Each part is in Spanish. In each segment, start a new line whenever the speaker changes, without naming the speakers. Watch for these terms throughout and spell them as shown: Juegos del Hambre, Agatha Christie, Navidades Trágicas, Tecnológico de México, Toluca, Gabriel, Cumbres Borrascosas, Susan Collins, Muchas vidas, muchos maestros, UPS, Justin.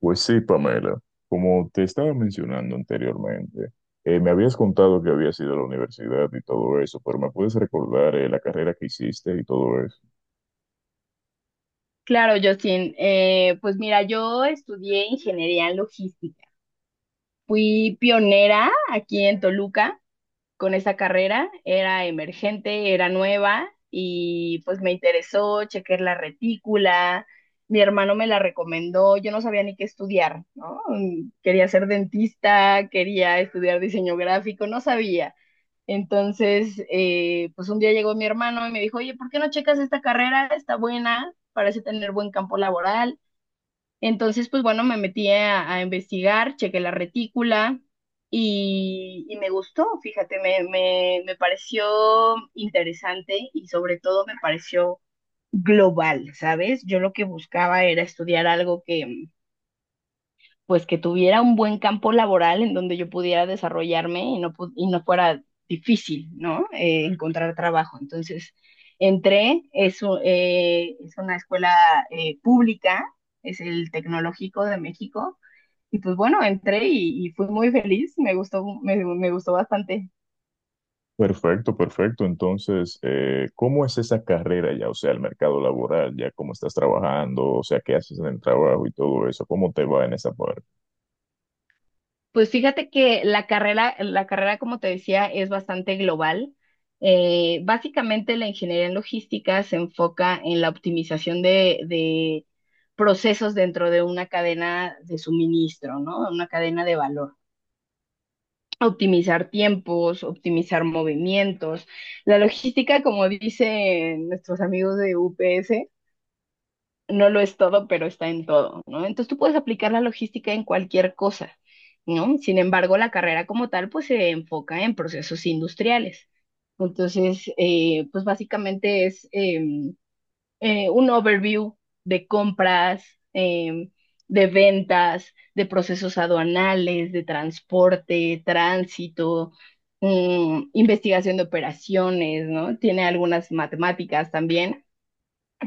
Pues sí, Pamela, como te estaba mencionando anteriormente, me habías contado que habías ido a la universidad y todo eso, pero ¿me puedes recordar la carrera que hiciste y todo eso?
Claro, Justin. Pues mira, yo estudié ingeniería en logística. Fui pionera aquí en Toluca con esa carrera. Era emergente, era nueva y pues me interesó, chequé la retícula. Mi hermano me la recomendó. Yo no sabía ni qué estudiar, ¿no? Quería ser dentista, quería estudiar diseño gráfico, no sabía. Entonces, pues un día llegó mi hermano y me dijo, oye, ¿por qué no checas esta carrera? Está buena, parece tener buen campo laboral. Entonces, pues bueno, me metí a investigar, chequé la retícula y me gustó, fíjate, me pareció interesante y sobre todo me pareció global, ¿sabes? Yo lo que buscaba era estudiar algo que, pues que tuviera un buen campo laboral en donde yo pudiera desarrollarme y no, y no fuera difícil, ¿no? Encontrar trabajo. Entonces, entré, es una escuela pública, es el Tecnológico de México, y pues bueno, entré y fui muy feliz, me gustó, me gustó bastante.
Perfecto, perfecto. Entonces, ¿cómo es esa carrera ya? O sea, el mercado laboral, ya cómo estás trabajando, o sea, qué haces en el trabajo y todo eso, ¿cómo te va en esa parte?
Pues fíjate que la carrera, como te decía, es bastante global. Básicamente la ingeniería en logística se enfoca en la optimización de procesos dentro de una cadena de suministro, ¿no? Una cadena de valor. Optimizar tiempos, optimizar movimientos. La logística, como dicen nuestros amigos de UPS, no lo es todo, pero está en todo, ¿no? Entonces tú puedes aplicar la logística en cualquier cosa, ¿no? Sin embargo, la carrera como tal, pues se enfoca en procesos industriales. Entonces, pues básicamente es un overview de compras, eh, de ventas, de procesos aduanales, de transporte, tránsito, investigación de operaciones, ¿no? Tiene algunas matemáticas también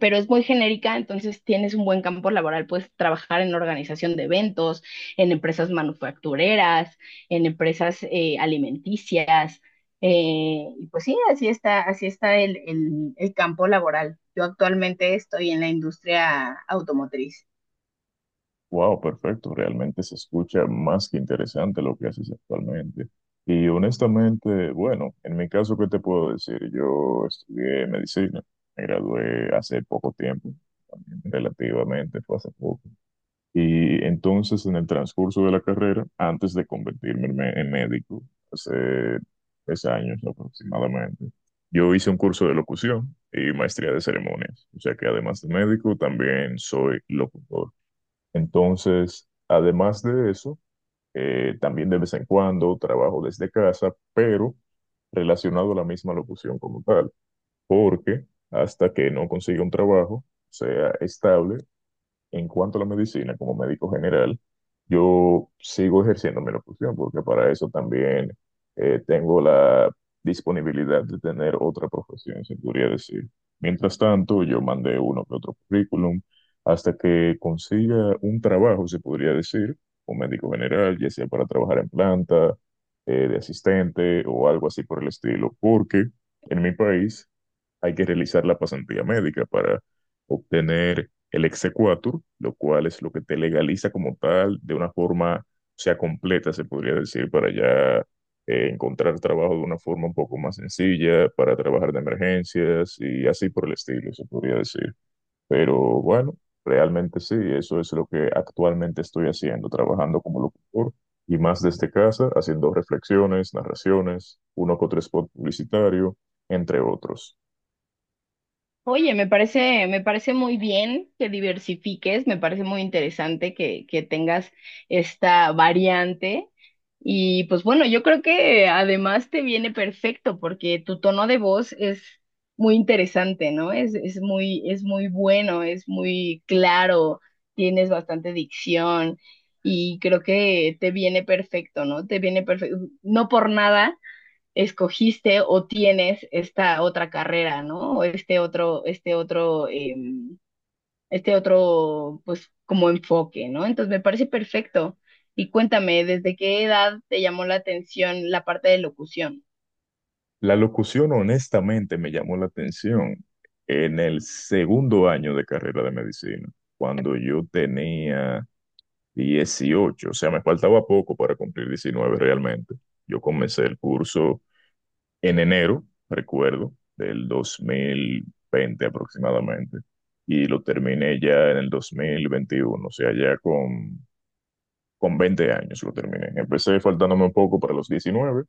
pero es muy genérica, entonces tienes un buen campo laboral, puedes trabajar en organización de eventos, en empresas manufactureras, en empresas alimenticias, y pues sí, así está el campo laboral. Yo actualmente estoy en la industria automotriz.
Wow, perfecto. Realmente se escucha más que interesante lo que haces actualmente. Y honestamente, bueno, en mi caso, ¿qué te puedo decir? Yo estudié medicina, me gradué hace poco tiempo, también relativamente fue hace poco. Y entonces, en el transcurso de la carrera, antes de convertirme en, en médico, hace 3 años aproximadamente, yo hice un curso de locución y maestría de ceremonias. O sea que además de médico, también soy locutor. Entonces, además de eso, también de vez en cuando trabajo desde casa, pero relacionado a la misma locución como tal, porque hasta que no consiga un trabajo, sea estable, en cuanto a la medicina, como médico general, yo sigo ejerciendo mi locución porque para eso también tengo la disponibilidad de tener otra profesión, se podría decir. Mientras tanto, yo mandé uno que otro currículum hasta que consiga un trabajo, se podría decir, como médico general, ya sea para trabajar en planta, de asistente o algo así por el estilo, porque en mi país hay que realizar la pasantía médica para obtener el exequatur, lo cual es lo que te legaliza como tal de una forma, o sea, completa, se podría decir, para ya encontrar trabajo de una forma un poco más sencilla, para trabajar de emergencias y así por el estilo, se podría decir. Pero bueno, realmente sí, eso es lo que actualmente estoy haciendo, trabajando como locutor. Y más desde casa, haciendo reflexiones, narraciones, uno que otro spot publicitario, entre otros.
Oye, me parece muy bien que diversifiques, me parece muy interesante que tengas esta variante. Y pues bueno, yo creo que además te viene perfecto porque tu tono de voz es muy interesante, ¿no? Es muy bueno, es muy claro, tienes bastante dicción y creo que te viene perfecto, ¿no? Te viene perfecto. No por nada escogiste o tienes esta otra carrera, ¿no? O este otro, pues, como enfoque, ¿no? Entonces me parece perfecto. Y cuéntame, ¿desde qué edad te llamó la atención la parte de locución?
La locución honestamente me llamó la atención en el segundo año de carrera de medicina, cuando yo tenía 18, o sea, me faltaba poco para cumplir 19, realmente. Yo comencé el curso en enero, recuerdo, del 2020 aproximadamente, y lo terminé ya en el 2021, o sea, ya con 20 años lo terminé. Empecé faltándome un poco para los 19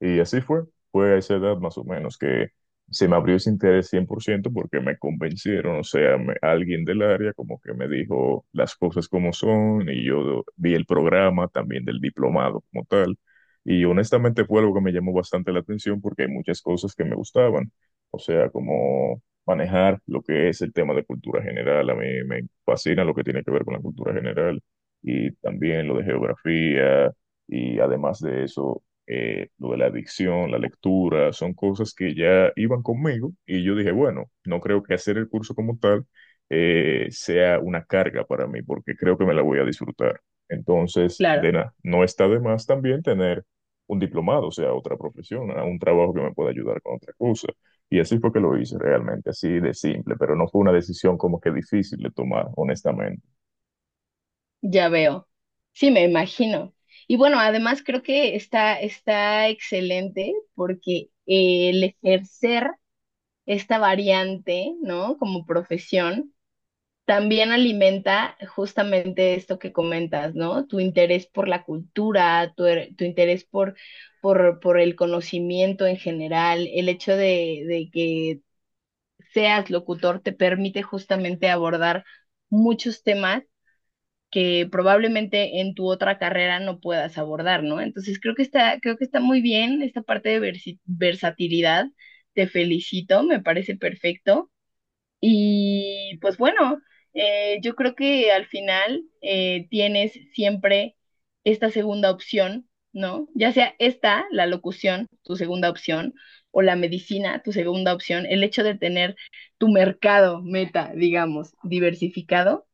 y así fue. Fue a esa edad más o menos que se me abrió ese interés 100% porque me convencieron, o sea, alguien del área como que me dijo las cosas como son y yo vi el programa también del diplomado como tal. Y honestamente fue algo que me llamó bastante la atención porque hay muchas cosas que me gustaban, o sea, como manejar lo que es el tema de cultura general. A mí me fascina lo que tiene que ver con la cultura general y también lo de geografía y además de eso, lo de la adicción, la lectura, son cosas que ya iban conmigo y yo dije, bueno, no creo que hacer el curso como tal sea una carga para mí porque creo que me la voy a disfrutar. Entonces, de
Claro.
nada, no está de más también tener un diplomado, o sea, otra profesión, a un trabajo que me pueda ayudar con otra cosa. Y así fue que lo hice realmente, así de simple, pero no fue una decisión como que difícil de tomar, honestamente.
Ya veo. Sí, me imagino. Y bueno, además creo que está excelente porque el ejercer esta variante, ¿no? Como profesión también alimenta justamente esto que comentas, ¿no? Tu interés por la cultura, tu interés por el conocimiento en general, el hecho de que seas locutor te permite justamente abordar muchos temas que probablemente en tu otra carrera no puedas abordar, ¿no? Entonces creo que está muy bien esta parte de versatilidad. Te felicito, me parece perfecto. Y pues bueno, yo creo que al final tienes siempre esta segunda opción, ¿no? Ya sea esta, la locución, tu segunda opción, o la medicina, tu segunda opción, el hecho de tener tu mercado meta, digamos, diversificado,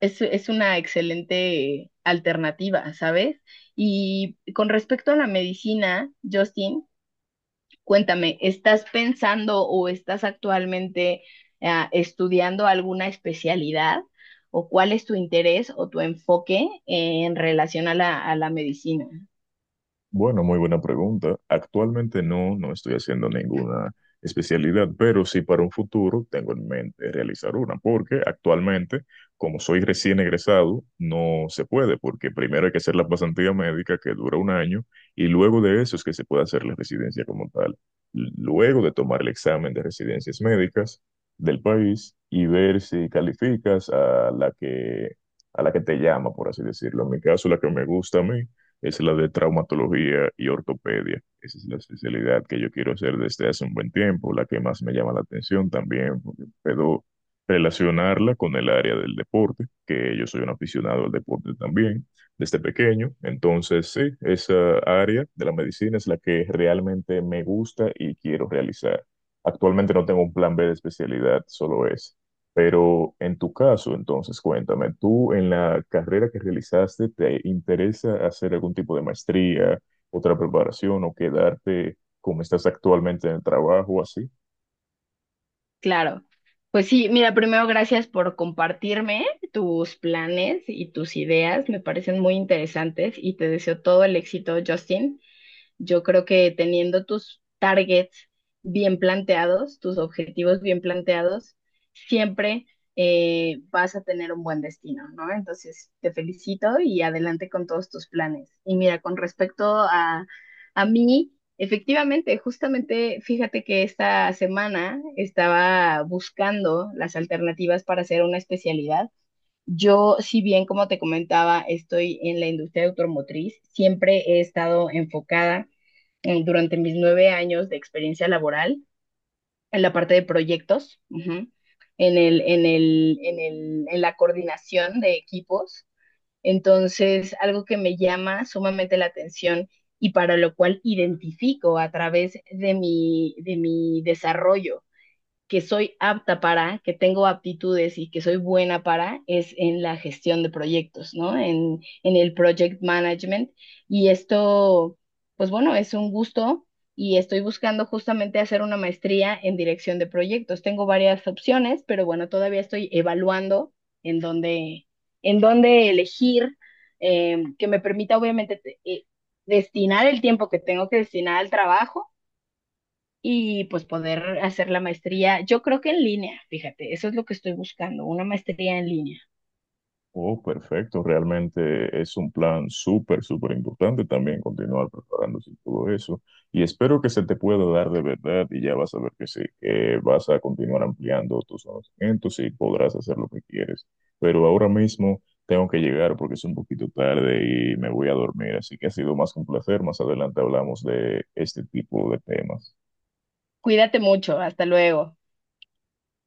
es una excelente alternativa, ¿sabes? Y con respecto a la medicina, Justin, cuéntame, ¿estás pensando o estás actualmente estudiando alguna especialidad o cuál es tu interés o tu enfoque en relación a a la medicina?
Bueno, muy buena pregunta. Actualmente no, no estoy haciendo ninguna especialidad, pero sí para un futuro tengo en mente realizar una, porque actualmente, como soy recién egresado, no se puede, porque primero hay que hacer la pasantía médica que dura un año y luego de eso es que se puede hacer la residencia como tal. Luego de tomar el examen de residencias médicas del país y ver si calificas a la que te llama, por así decirlo. En mi caso, la que me gusta a mí es la de traumatología y ortopedia. Esa es la especialidad que yo quiero hacer desde hace un buen tiempo, la que más me llama la atención también, porque puedo relacionarla con el área del deporte, que yo soy un aficionado al deporte también desde pequeño. Entonces, sí, esa área de la medicina es la que realmente me gusta y quiero realizar. Actualmente no tengo un plan B de especialidad, solo es. Pero en tu caso, entonces, cuéntame, ¿tú en la carrera que realizaste te interesa hacer algún tipo de maestría, otra preparación o quedarte como estás actualmente en el trabajo, así?
Claro. Pues sí, mira, primero gracias por compartirme tus planes y tus ideas, me parecen muy interesantes y te deseo todo el éxito, Justin. Yo creo que teniendo tus targets bien planteados, tus objetivos bien planteados, siempre vas a tener un buen destino, ¿no? Entonces, te felicito y adelante con todos tus planes. Y mira, con respecto a mí, efectivamente, justamente, fíjate que esta semana estaba buscando las alternativas para hacer una especialidad. Yo, si bien, como te comentaba, estoy en la industria automotriz, siempre he estado enfocada durante mis 9 años de experiencia laboral en la parte de proyectos, ujú, en en la coordinación de equipos. Entonces, algo que me llama sumamente la atención y para lo cual identifico a través de de mi desarrollo que soy apta para, que tengo aptitudes y que soy buena para, es en la gestión de proyectos, ¿no? En el project management. Y esto, pues bueno, es un gusto y estoy buscando justamente hacer una maestría en dirección de proyectos. Tengo varias opciones, pero bueno, todavía estoy evaluando en dónde, en dónde elegir, que me permita obviamente destinar el tiempo que tengo que destinar al trabajo y pues poder hacer la maestría, yo creo que en línea, fíjate, eso es lo que estoy buscando, una maestría en línea.
Oh, perfecto, realmente es un plan súper, súper importante también continuar preparándose y todo eso. Y espero que se te pueda dar de verdad y ya vas a ver que sí, que vas a continuar ampliando tus conocimientos y podrás hacer lo que quieres. Pero ahora mismo tengo que llegar porque es un poquito tarde y me voy a dormir, así que ha sido más que un placer. Más adelante hablamos de este tipo de temas.
Cuídate mucho, hasta luego.